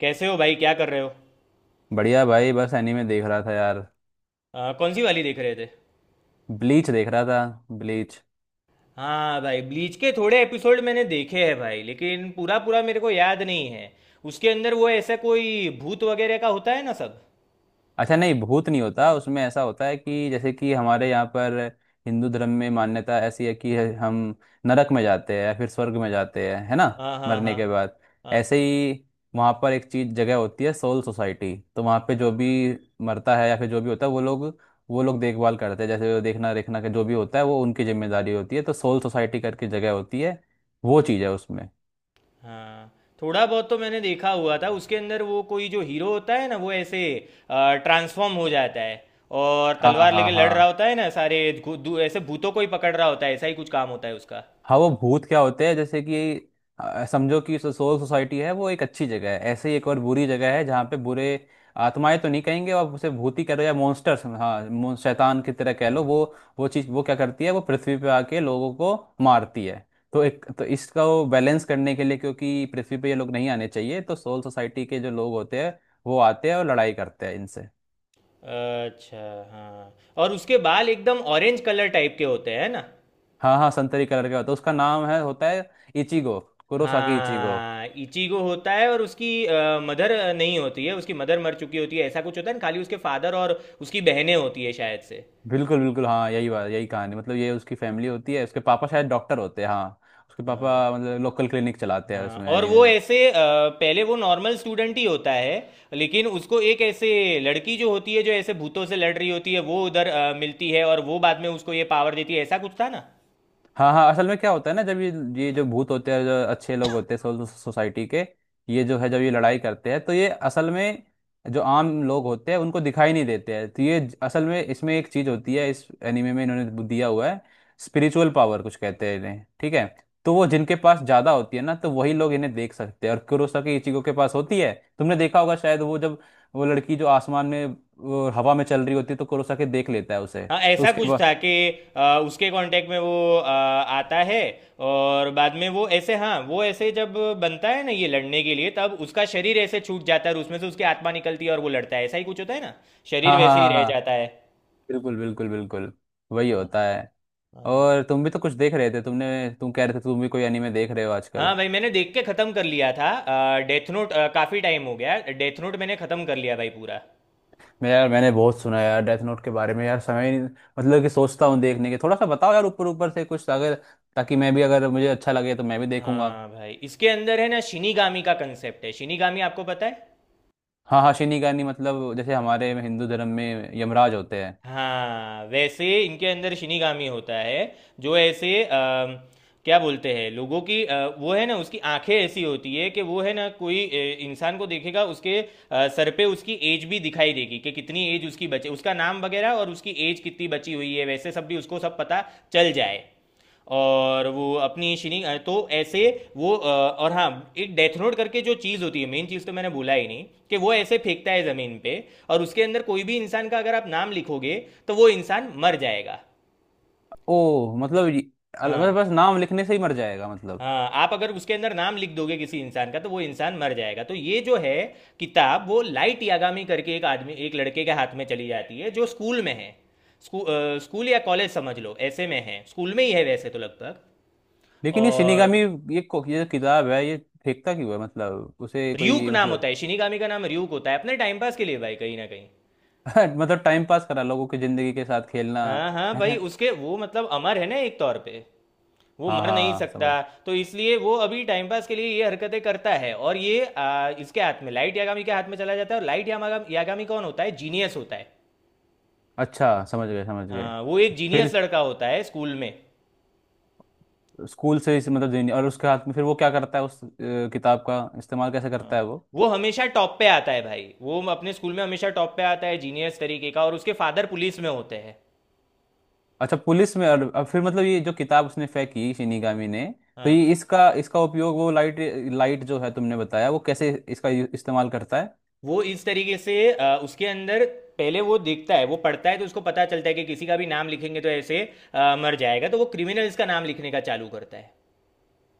कैसे हो भाई, क्या कर रहे हो। बढ़िया भाई, बस एनीमे देख रहा था यार। कौन सी वाली देख रहे थे। ब्लीच देख रहा था। ब्लीच। हाँ भाई, ब्लीच के थोड़े एपिसोड मैंने देखे हैं भाई, लेकिन पूरा पूरा मेरे को याद नहीं है। उसके अंदर वो ऐसा कोई भूत वगैरह का होता है ना सब। अच्छा, नहीं, भूत नहीं होता। उसमें ऐसा होता है कि जैसे कि हमारे यहाँ पर हिंदू धर्म में मान्यता ऐसी है कि हम नरक में जाते हैं या फिर स्वर्ग में जाते हैं, है ना, हाँ हाँ मरने हाँ। के बाद। हाँ ऐसे ही वहाँ पर एक चीज जगह होती है, सोल सोसाइटी। तो वहाँ पे जो भी मरता है या फिर जो भी होता है, वो लोग देखभाल करते हैं, जैसे देखना रेखना का जो भी होता है वो उनकी जिम्मेदारी होती है। तो सोल सोसाइटी करके जगह होती है। वो चीज़ है उसमें। हाँ, थोड़ा बहुत तो मैंने देखा हुआ था। उसके अंदर वो कोई जो हीरो होता है ना, वो ऐसे ट्रांसफॉर्म हो जाता है और हाँ, तलवार लेके हाँ, लड़ रहा हाँ, होता है ना सारे धू- धू- ऐसे भूतों को ही पकड़ रहा होता है, ऐसा ही कुछ काम होता है उसका। हाँ, वो भूत क्या होते हैं, जैसे कि समझो कि सोल सोसाइटी है, वो एक अच्छी जगह है। ऐसे ही एक और बुरी जगह है जहाँ पे बुरे आत्माएं, तो नहीं कहेंगे, आप उसे भूत ही कह लो या मॉन्स्टर्स, हाँ, शैतान की तरह कह लो। वो चीज़, वो क्या करती है? वो पृथ्वी पे आके लोगों को मारती है। तो एक तो इसका वो बैलेंस करने के लिए, क्योंकि पृथ्वी पे ये लोग नहीं आने चाहिए, तो सोल सोसाइटी के जो लोग होते हैं वो आते हैं और लड़ाई करते हैं इनसे। अच्छा, हाँ। और उसके बाल एकदम ऑरेंज कलर टाइप के होते हैं ना? हाँ, हाँ, संतरी कलर का होता है। उसका नाम है होता है इचिगो। Kurosaki Ichigo. हाँ, इचिगो होता है। और उसकी मदर नहीं होती है, उसकी मदर मर चुकी होती है, ऐसा कुछ होता है ना। खाली उसके फादर और उसकी बहनें होती है शायद से। बिल्कुल, बिल्कुल, हाँ, यही बात, यही कहानी, मतलब ये उसकी फैमिली होती है। उसके पापा शायद डॉक्टर होते हैं, हाँ। उसके हाँ पापा मतलब लोकल क्लिनिक चलाते हैं हाँ। उसमें और एनीमे वो में। ऐसे पहले वो नॉर्मल स्टूडेंट ही होता है, लेकिन उसको एक ऐसे लड़की जो होती है, जो ऐसे भूतों से लड़ रही होती है, वो उधर मिलती है और वो बाद में उसको ये पावर देती है, ऐसा कुछ था ना। हाँ, हाँ, असल में क्या होता है ना, जब ये जो भूत होते हैं, जो अच्छे लोग होते हैं, सोसाइटी के, ये जो है, जब ये लड़ाई करते हैं तो ये असल में जो आम लोग होते हैं उनको दिखाई नहीं देते हैं। तो ये असल में इसमें एक चीज होती है इस एनिमे में, इन्होंने दिया हुआ है, स्पिरिचुअल पावर कुछ कहते हैं इन्हें, ठीक है। तो वो जिनके पास ज्यादा होती है ना, तो वही लोग इन्हें देख सकते हैं, और कुरोसाकी इचिको के पास होती है। तुमने देखा होगा शायद, वो जब वो लड़की जो आसमान में, वो हवा में चल रही होती है, तो कुरोसाकी देख लेता है उसे। हाँ तो ऐसा उसके कुछ बाद। था कि उसके कांटेक्ट में वो आता है। और बाद में वो ऐसे, हाँ वो ऐसे जब बनता है ना ये लड़ने के लिए, तब उसका शरीर ऐसे छूट जाता है और उसमें से उसकी आत्मा निकलती है और वो लड़ता है, ऐसा ही कुछ होता है ना। शरीर हाँ, हाँ, वैसे ही हाँ, रह हाँ, जाता है। बिल्कुल, बिल्कुल, बिल्कुल वही हाँ होता है। हाँ। और तुम भी तो कुछ देख रहे थे, तुमने, तुम कह रहे थे तुम भी कोई एनीमे देख रहे हो हाँ आजकल। भाई, मैंने देख के ख़त्म कर लिया था डेथ नोट, काफ़ी टाइम हो गया। डेथ नोट मैंने ख़त्म कर लिया भाई पूरा। मैं यार, मैंने बहुत सुना है यार डेथ नोट के बारे में, यार समय ही नहीं, मतलब कि सोचता हूँ देखने के। थोड़ा सा बताओ यार, ऊपर ऊपर से कुछ, अगर, ताकि मैं भी, अगर मुझे अच्छा लगे तो मैं भी देखूंगा। हाँ भाई, इसके अंदर है ना शिनीगामी का कंसेप्ट है। शिनीगामी आपको पता है। हाँ, हाँ, शिनिगानी मतलब जैसे हमारे हिंदू धर्म में यमराज होते हैं। हाँ, वैसे इनके अंदर शिनिगामी होता है जो ऐसे क्या बोलते हैं, लोगों की वो है ना, उसकी आंखें ऐसी होती है कि वो है ना, कोई इंसान को देखेगा, उसके सर पे उसकी एज भी दिखाई देगी, कि कितनी एज उसकी बचे, उसका नाम वगैरह और उसकी एज कितनी बची हुई है वैसे सब, भी उसको सब पता चल जाए। और वो अपनी शिनिंग तो ऐसे वो और हाँ, एक डेथ नोट करके जो चीज़ होती है मेन चीज़ तो मैंने बोला ही नहीं, कि वो ऐसे फेंकता है ज़मीन पे और उसके अंदर कोई भी इंसान का अगर आप नाम लिखोगे तो वो इंसान मर जाएगा। ओ, मतलब बस हाँ। बस नाम लिखने से ही मर जाएगा मतलब? हाँ, आप अगर उसके अंदर नाम लिख दोगे किसी इंसान का तो वो इंसान मर जाएगा। तो ये जो है किताब, वो लाइट यागामी करके एक आदमी, एक लड़के के हाथ में चली जाती है जो स्कूल में है। स्कूल या कॉलेज समझ लो, ऐसे में है, स्कूल में ही है वैसे तो लगभग। लेकिन ये और शिनिगामी, ये जो किताब है, ये फेंकता क्यों है? मतलब उसे र्यूक कोई नाम मतलब? होता है शिनिगामी का, नाम र्यूक होता है। अपने टाइम पास के लिए भाई, कहीं ना कहीं। मतलब टाइम पास, करा लोगों की जिंदगी के साथ खेलना। हाँ हाँ भाई, है। उसके वो मतलब अमर है ना एक तौर पे। वो हाँ, मर नहीं हाँ, सकता। समझ। तो इसलिए वो अभी टाइम पास के लिए ये हरकतें करता है। और ये इसके हाथ में, लाइट यागामी के हाथ में चला जाता है। और लाइट यागामी, कौन होता है, जीनियस होता है। अच्छा, समझ गए, समझ गए। हाँ, वो एक फिर जीनियस लड़का होता है स्कूल में। स्कूल से इस, मतलब जीनी, और उसके हाथ में फिर वो क्या करता है, उस किताब का इस्तेमाल कैसे करता हाँ, है वो? वो हमेशा टॉप पे आता है भाई, वो अपने स्कूल में हमेशा टॉप पे आता है जीनियस तरीके का। और उसके फादर पुलिस में होते हैं। अच्छा, पुलिस में। और अब फिर मतलब ये जो किताब उसने फेंकी शिनिगामी ने, तो ये हाँ, इसका इसका उपयोग, वो लाइट, लाइट जो है तुमने बताया, वो कैसे इसका इस्तेमाल करता है? वो इस तरीके से उसके अंदर पहले वो देखता है, वो पढ़ता है तो उसको पता चलता है कि किसी का भी नाम लिखेंगे तो ऐसे मर जाएगा। तो वो क्रिमिनल्स का नाम लिखने का चालू करता है।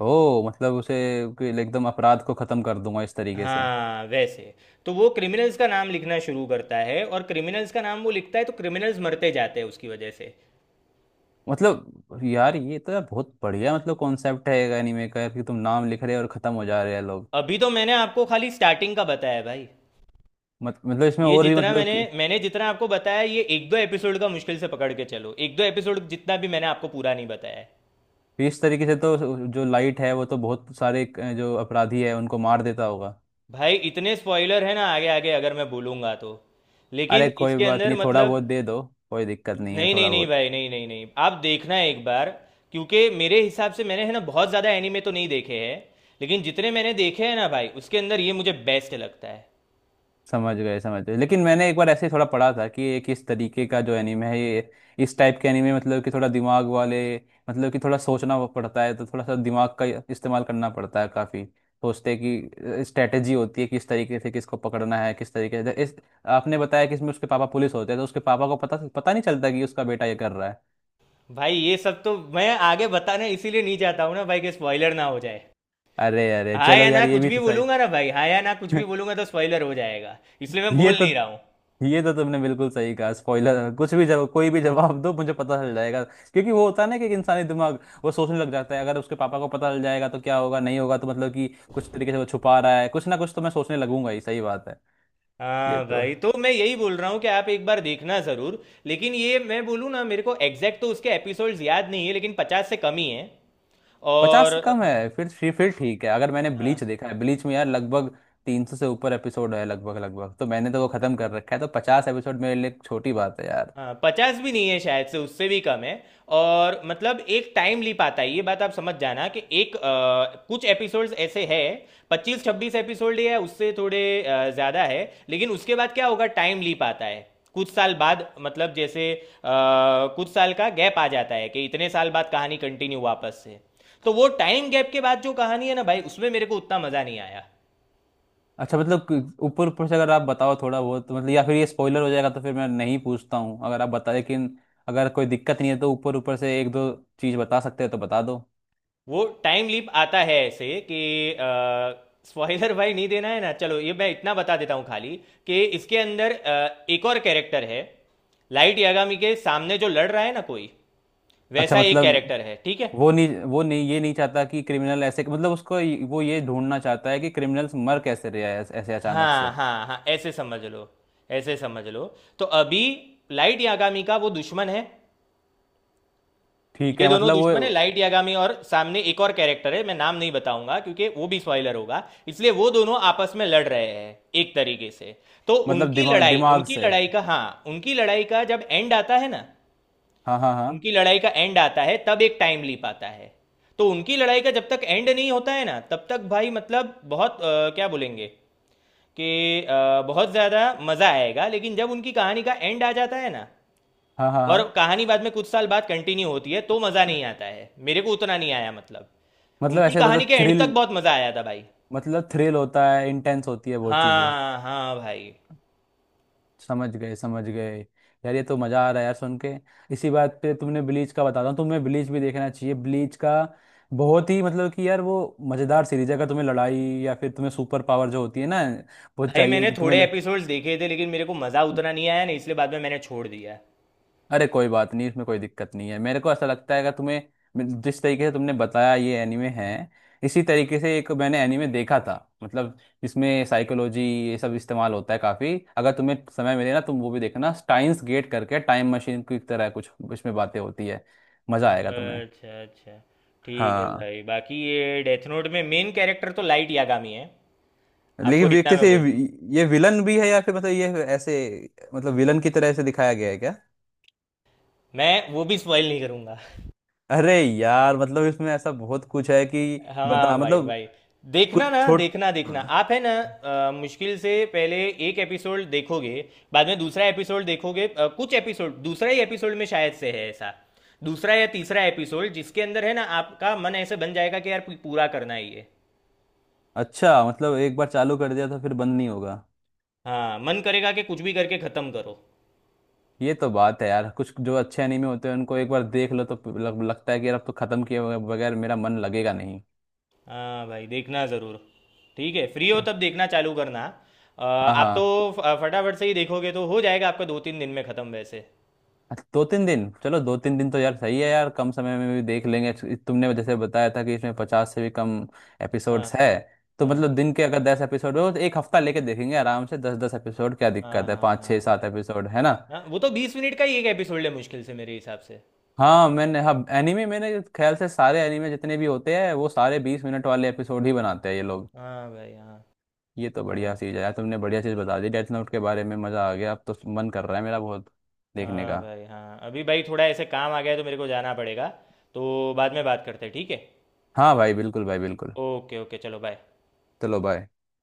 ओ, मतलब उसे कि एकदम अपराध को खत्म कर दूंगा इस तरीके से। हाँ वैसे। तो वो क्रिमिनल्स का नाम लिखना शुरू करता है और क्रिमिनल्स का नाम वो लिखता है तो क्रिमिनल्स मरते जाते हैं उसकी वजह से। मतलब यार, ये तो यार बहुत बढ़िया, मतलब कॉन्सेप्ट है एनीमे का यार, कि तुम नाम लिख रहे हो और खत्म हो जा रहे हैं लोग। अभी तो मैंने आपको खाली स्टार्टिंग का बताया भाई। मत, मतलब इसमें ये और भी, जितना मतलब मैंने कि मैंने जितना आपको बताया, ये एक दो एपिसोड का, मुश्किल से पकड़ के चलो एक दो एपिसोड, जितना भी मैंने आपको पूरा नहीं बताया है। कि इस तरीके से तो जो लाइट है वो तो बहुत सारे, जो अपराधी है उनको मार देता होगा। भाई इतने स्पॉइलर है ना आगे आगे, अगर मैं बोलूंगा तो। अरे लेकिन कोई इसके बात अंदर नहीं, थोड़ा मतलब, बहुत दे दो। कोई दिक्कत नहीं है, नहीं नहीं थोड़ा नहीं बहुत। भाई, नहीं नहीं नहीं, आप देखना एक बार। क्योंकि मेरे हिसाब से मैंने है ना बहुत ज़्यादा एनीमे तो नहीं देखे हैं, लेकिन जितने मैंने देखे हैं ना भाई, उसके अंदर ये मुझे बेस्ट लगता है। समझ गए, समझ गए, लेकिन मैंने एक बार ऐसे ही थोड़ा पढ़ा था कि एक इस तरीके का जो एनिमे है ये, इस टाइप के एनिमे मतलब कि थोड़ा दिमाग वाले, मतलब कि थोड़ा सोचना वो पड़ता है, तो थोड़ा सा दिमाग का इस्तेमाल करना पड़ता है काफ़ी। सोचते हैं कि स्ट्रेटेजी होती है, किस तरीके से किसको पकड़ना है, किस तरीके से इस। आपने बताया कि इसमें उसके पापा पुलिस होते हैं, तो उसके पापा को पता पता नहीं चलता कि उसका बेटा ये कर रहा है? भाई ये सब तो मैं आगे बताने इसीलिए नहीं चाहता हूँ ना भाई, कि स्पॉइलर ना हो जाए। अरे, अरे, हाँ चलो या ना यार, ये कुछ भी भी था सही। बोलूंगा ना भाई, हाँ या ना कुछ भी बोलूंगा तो स्पॉइलर हो जाएगा, इसलिए मैं ये बोल तो नहीं रहा हूँ। ये तो तुमने बिल्कुल सही कहा, स्पॉइलर कुछ भी जवाब, कोई भी जवाब दो, मुझे पता चल जाएगा, क्योंकि वो होता है ना कि एक इंसानी दिमाग, वो सोचने लग जाता है, अगर उसके पापा को पता चल जाएगा तो क्या होगा, नहीं होगा, तो मतलब कि कुछ तरीके से वो छुपा रहा है कुछ ना कुछ, तो मैं सोचने लगूंगा ही, सही बात है। ये हाँ तो भाई, तो है। मैं यही बोल रहा हूँ कि आप एक बार देखना ज़रूर। लेकिन ये मैं बोलूँ ना, मेरे को एग्जैक्ट तो उसके एपिसोड्स याद नहीं है, लेकिन 50 से कम ही है। 50 और से कम है, फिर ठीक है। अगर मैंने ब्लीच हाँ देखा है, ब्लीच में यार लगभग 300 से ऊपर एपिसोड है, लगभग लगभग, तो मैंने तो वो खत्म कर रखा है, तो 50 एपिसोड मेरे लिए एक छोटी बात है यार। हाँ, 50 भी नहीं है शायद से, उससे भी कम है। और मतलब एक टाइम ली पाता है, ये बात आप समझ जाना कि एक कुछ एपिसोड्स ऐसे हैं, 25-26 एपिसोड या उससे थोड़े ज़्यादा है, लेकिन उसके बाद क्या होगा, टाइम ली पाता है। कुछ साल बाद मतलब, जैसे कुछ साल का गैप आ जाता है कि इतने साल बाद कहानी कंटिन्यू वापस से। तो वो टाइम गैप के बाद जो कहानी है ना भाई, उसमें मेरे को उतना मज़ा नहीं आया। अच्छा, मतलब ऊपर ऊपर से अगर आप बताओ थोड़ा बहुत, तो मतलब या फिर ये स्पॉइलर हो जाएगा तो फिर मैं नहीं पूछता हूँ, अगर आप बता, लेकिन अगर कोई दिक्कत नहीं है तो ऊपर ऊपर से एक दो चीज़ बता सकते हो तो बता दो। वो टाइम लीप आता है ऐसे कि, स्पॉइलर भाई नहीं देना है ना। चलो ये मैं इतना बता देता हूँ खाली, कि इसके अंदर एक और कैरेक्टर है, लाइट यागामी के सामने जो लड़ रहा है ना कोई, अच्छा, वैसा एक मतलब कैरेक्टर है, ठीक है। वो नहीं, ये नहीं चाहता कि क्रिमिनल ऐसे, मतलब उसको वो ये ढूंढना चाहता है कि क्रिमिनल्स मर कैसे रहे हैं ऐसे, ऐसे अचानक से? हाँ हाँ हाँ, ऐसे समझ लो, ऐसे समझ लो। तो अभी लाइट यागामी का वो दुश्मन है। ठीक ये है, दोनों मतलब वो, दुश्मन है, लाइट यागामी और सामने एक और कैरेक्टर है, मैं नाम नहीं बताऊंगा क्योंकि वो भी स्पॉइलर होगा। इसलिए वो दोनों आपस में लड़ रहे हैं एक तरीके से। तो मतलब उनकी दिमाग लड़ाई, दिमाग उनकी से। लड़ाई का हाँ उनकी लड़ाई का जब एंड आता है ना, हाँ, हाँ, हाँ, उनकी लड़ाई का एंड आता है तब एक टाइम लीप आता है। तो उनकी लड़ाई का जब तक एंड नहीं होता है ना, तब तक भाई मतलब बहुत क्या बोलेंगे कि बहुत ज़्यादा मज़ा आएगा। लेकिन जब उनकी कहानी का एंड आ जाता है ना हाँ, हाँ, और हाँ, कहानी बाद में कुछ साल बाद कंटिन्यू होती है, तो मज़ा नहीं आता है, मेरे को उतना नहीं आया मतलब। मतलब उनकी ऐसे, कहानी मतलब के एंड तक थ्रिल, बहुत मज़ा आया था भाई। मतलब थ्रिल होता है, इंटेंस होती है वो चीज़ें। हाँ हाँ भाई। समझ गए, समझ गए। यार, ये तो मज़ा आ रहा है यार सुन के। इसी बात पे तुमने, ब्लीच का बताता हूँ तुम्हें, ब्लीच भी देखना चाहिए। ब्लीच का बहुत ही मतलब कि यार, वो मज़ेदार सीरीज है, अगर तुम्हें लड़ाई या फिर तुम्हें सुपर पावर जो होती है ना, वो भाई चाहिए मैंने थोड़े तुम्हें। एपिसोड्स देखे थे, लेकिन मेरे को मज़ा उतना नहीं आया ना, इसलिए बाद में मैंने छोड़ दिया। अरे कोई बात नहीं, इसमें कोई दिक्कत नहीं है। मेरे को ऐसा लगता है, अगर तुम्हें जिस तरीके से तुमने बताया ये एनीमे है, इसी तरीके से एक मैंने एनीमे देखा था, मतलब इसमें साइकोलॉजी ये सब इस्तेमाल होता है काफ़ी। अगर तुम्हें समय मिले ना, तुम वो भी देखना, स्टाइन्स गेट करके। टाइम मशीन की तरह कुछ इसमें बातें होती है। मज़ा आएगा तुम्हें। अच्छा अच्छा। ठीक है हाँ, भाई, बाकी ये डेथ नोट में मेन कैरेक्टर तो लाइट यागामी है, आपको लेकिन इतना देखते मैं से बोल ये दूँ। ये विलन भी है या फिर मतलब ये ऐसे, मतलब विलन की तरह ऐसे दिखाया गया है क्या? मैं वो भी स्पॉइल नहीं करूंगा। अरे यार, मतलब इसमें ऐसा बहुत कुछ है कि, हाँ बता भाई मतलब, भाई, देखना कुछ ना छोट। देखना, देखना आप है ना। मुश्किल से पहले एक एपिसोड देखोगे, बाद में दूसरा एपिसोड देखोगे, कुछ एपिसोड, दूसरा ही एपिसोड में शायद से है ऐसा, दूसरा या तीसरा एपिसोड जिसके अंदर है ना, आपका मन ऐसे बन जाएगा कि यार पूरा करना ही है। अच्छा, मतलब एक बार चालू कर दिया तो फिर बंद नहीं होगा? हाँ, मन करेगा कि कुछ भी करके ख़त्म करो। ये तो बात है यार, कुछ जो अच्छे एनीमे होते हैं उनको एक बार देख लो तो लगता है कि यार अब तो खत्म किए बगैर बगैर मेरा मन लगेगा नहीं। हाँ भाई देखना ज़रूर। ठीक है, फ्री हो क्या- तब देखना चालू करना। हाँ, आप तो हाँ, फटाफट से ही देखोगे तो हो जाएगा आपका दो तीन दिन में ख़त्म वैसे। अच्छा, दो तीन दिन, चलो दो तीन दिन तो यार सही है यार, कम समय में भी देख लेंगे, तुमने जैसे बताया था कि इसमें 50 से भी कम हाँ एपिसोड्स है। तो हाँ मतलब दिन के अगर 10 एपिसोड हो तो एक हफ्ता लेके देखेंगे आराम से, दस दस एपिसोड क्या हाँ। दिक्कत है, हाँ पाँच छः हाँ सात भाई। एपिसोड है ना। हाँ वो तो 20 मिनट का ही एक एपिसोड है, मुश्किल से मेरे हिसाब से। हाँ, मैंने, हाँ, एनीमे मैंने ख्याल से सारे एनीमे जितने भी होते हैं वो सारे 20 मिनट वाले एपिसोड ही बनाते हैं ये लोग। हाँ भाई हाँ। ये तो बढ़िया हाँ चीज़ है यार, तुमने बढ़िया चीज़ बता दी डेथ नोट के बारे में। मज़ा आ गया। अब तो मन कर रहा है मेरा बहुत देखने हाँ का। भाई। हाँ अभी भाई, थोड़ा ऐसे काम आ गया है तो मेरे को जाना पड़ेगा, तो बाद में बात करते हैं, ठीक है। हाँ भाई, बिल्कुल भाई, बिल्कुल। ओके ओके, चलो बाय। चलो, बाय।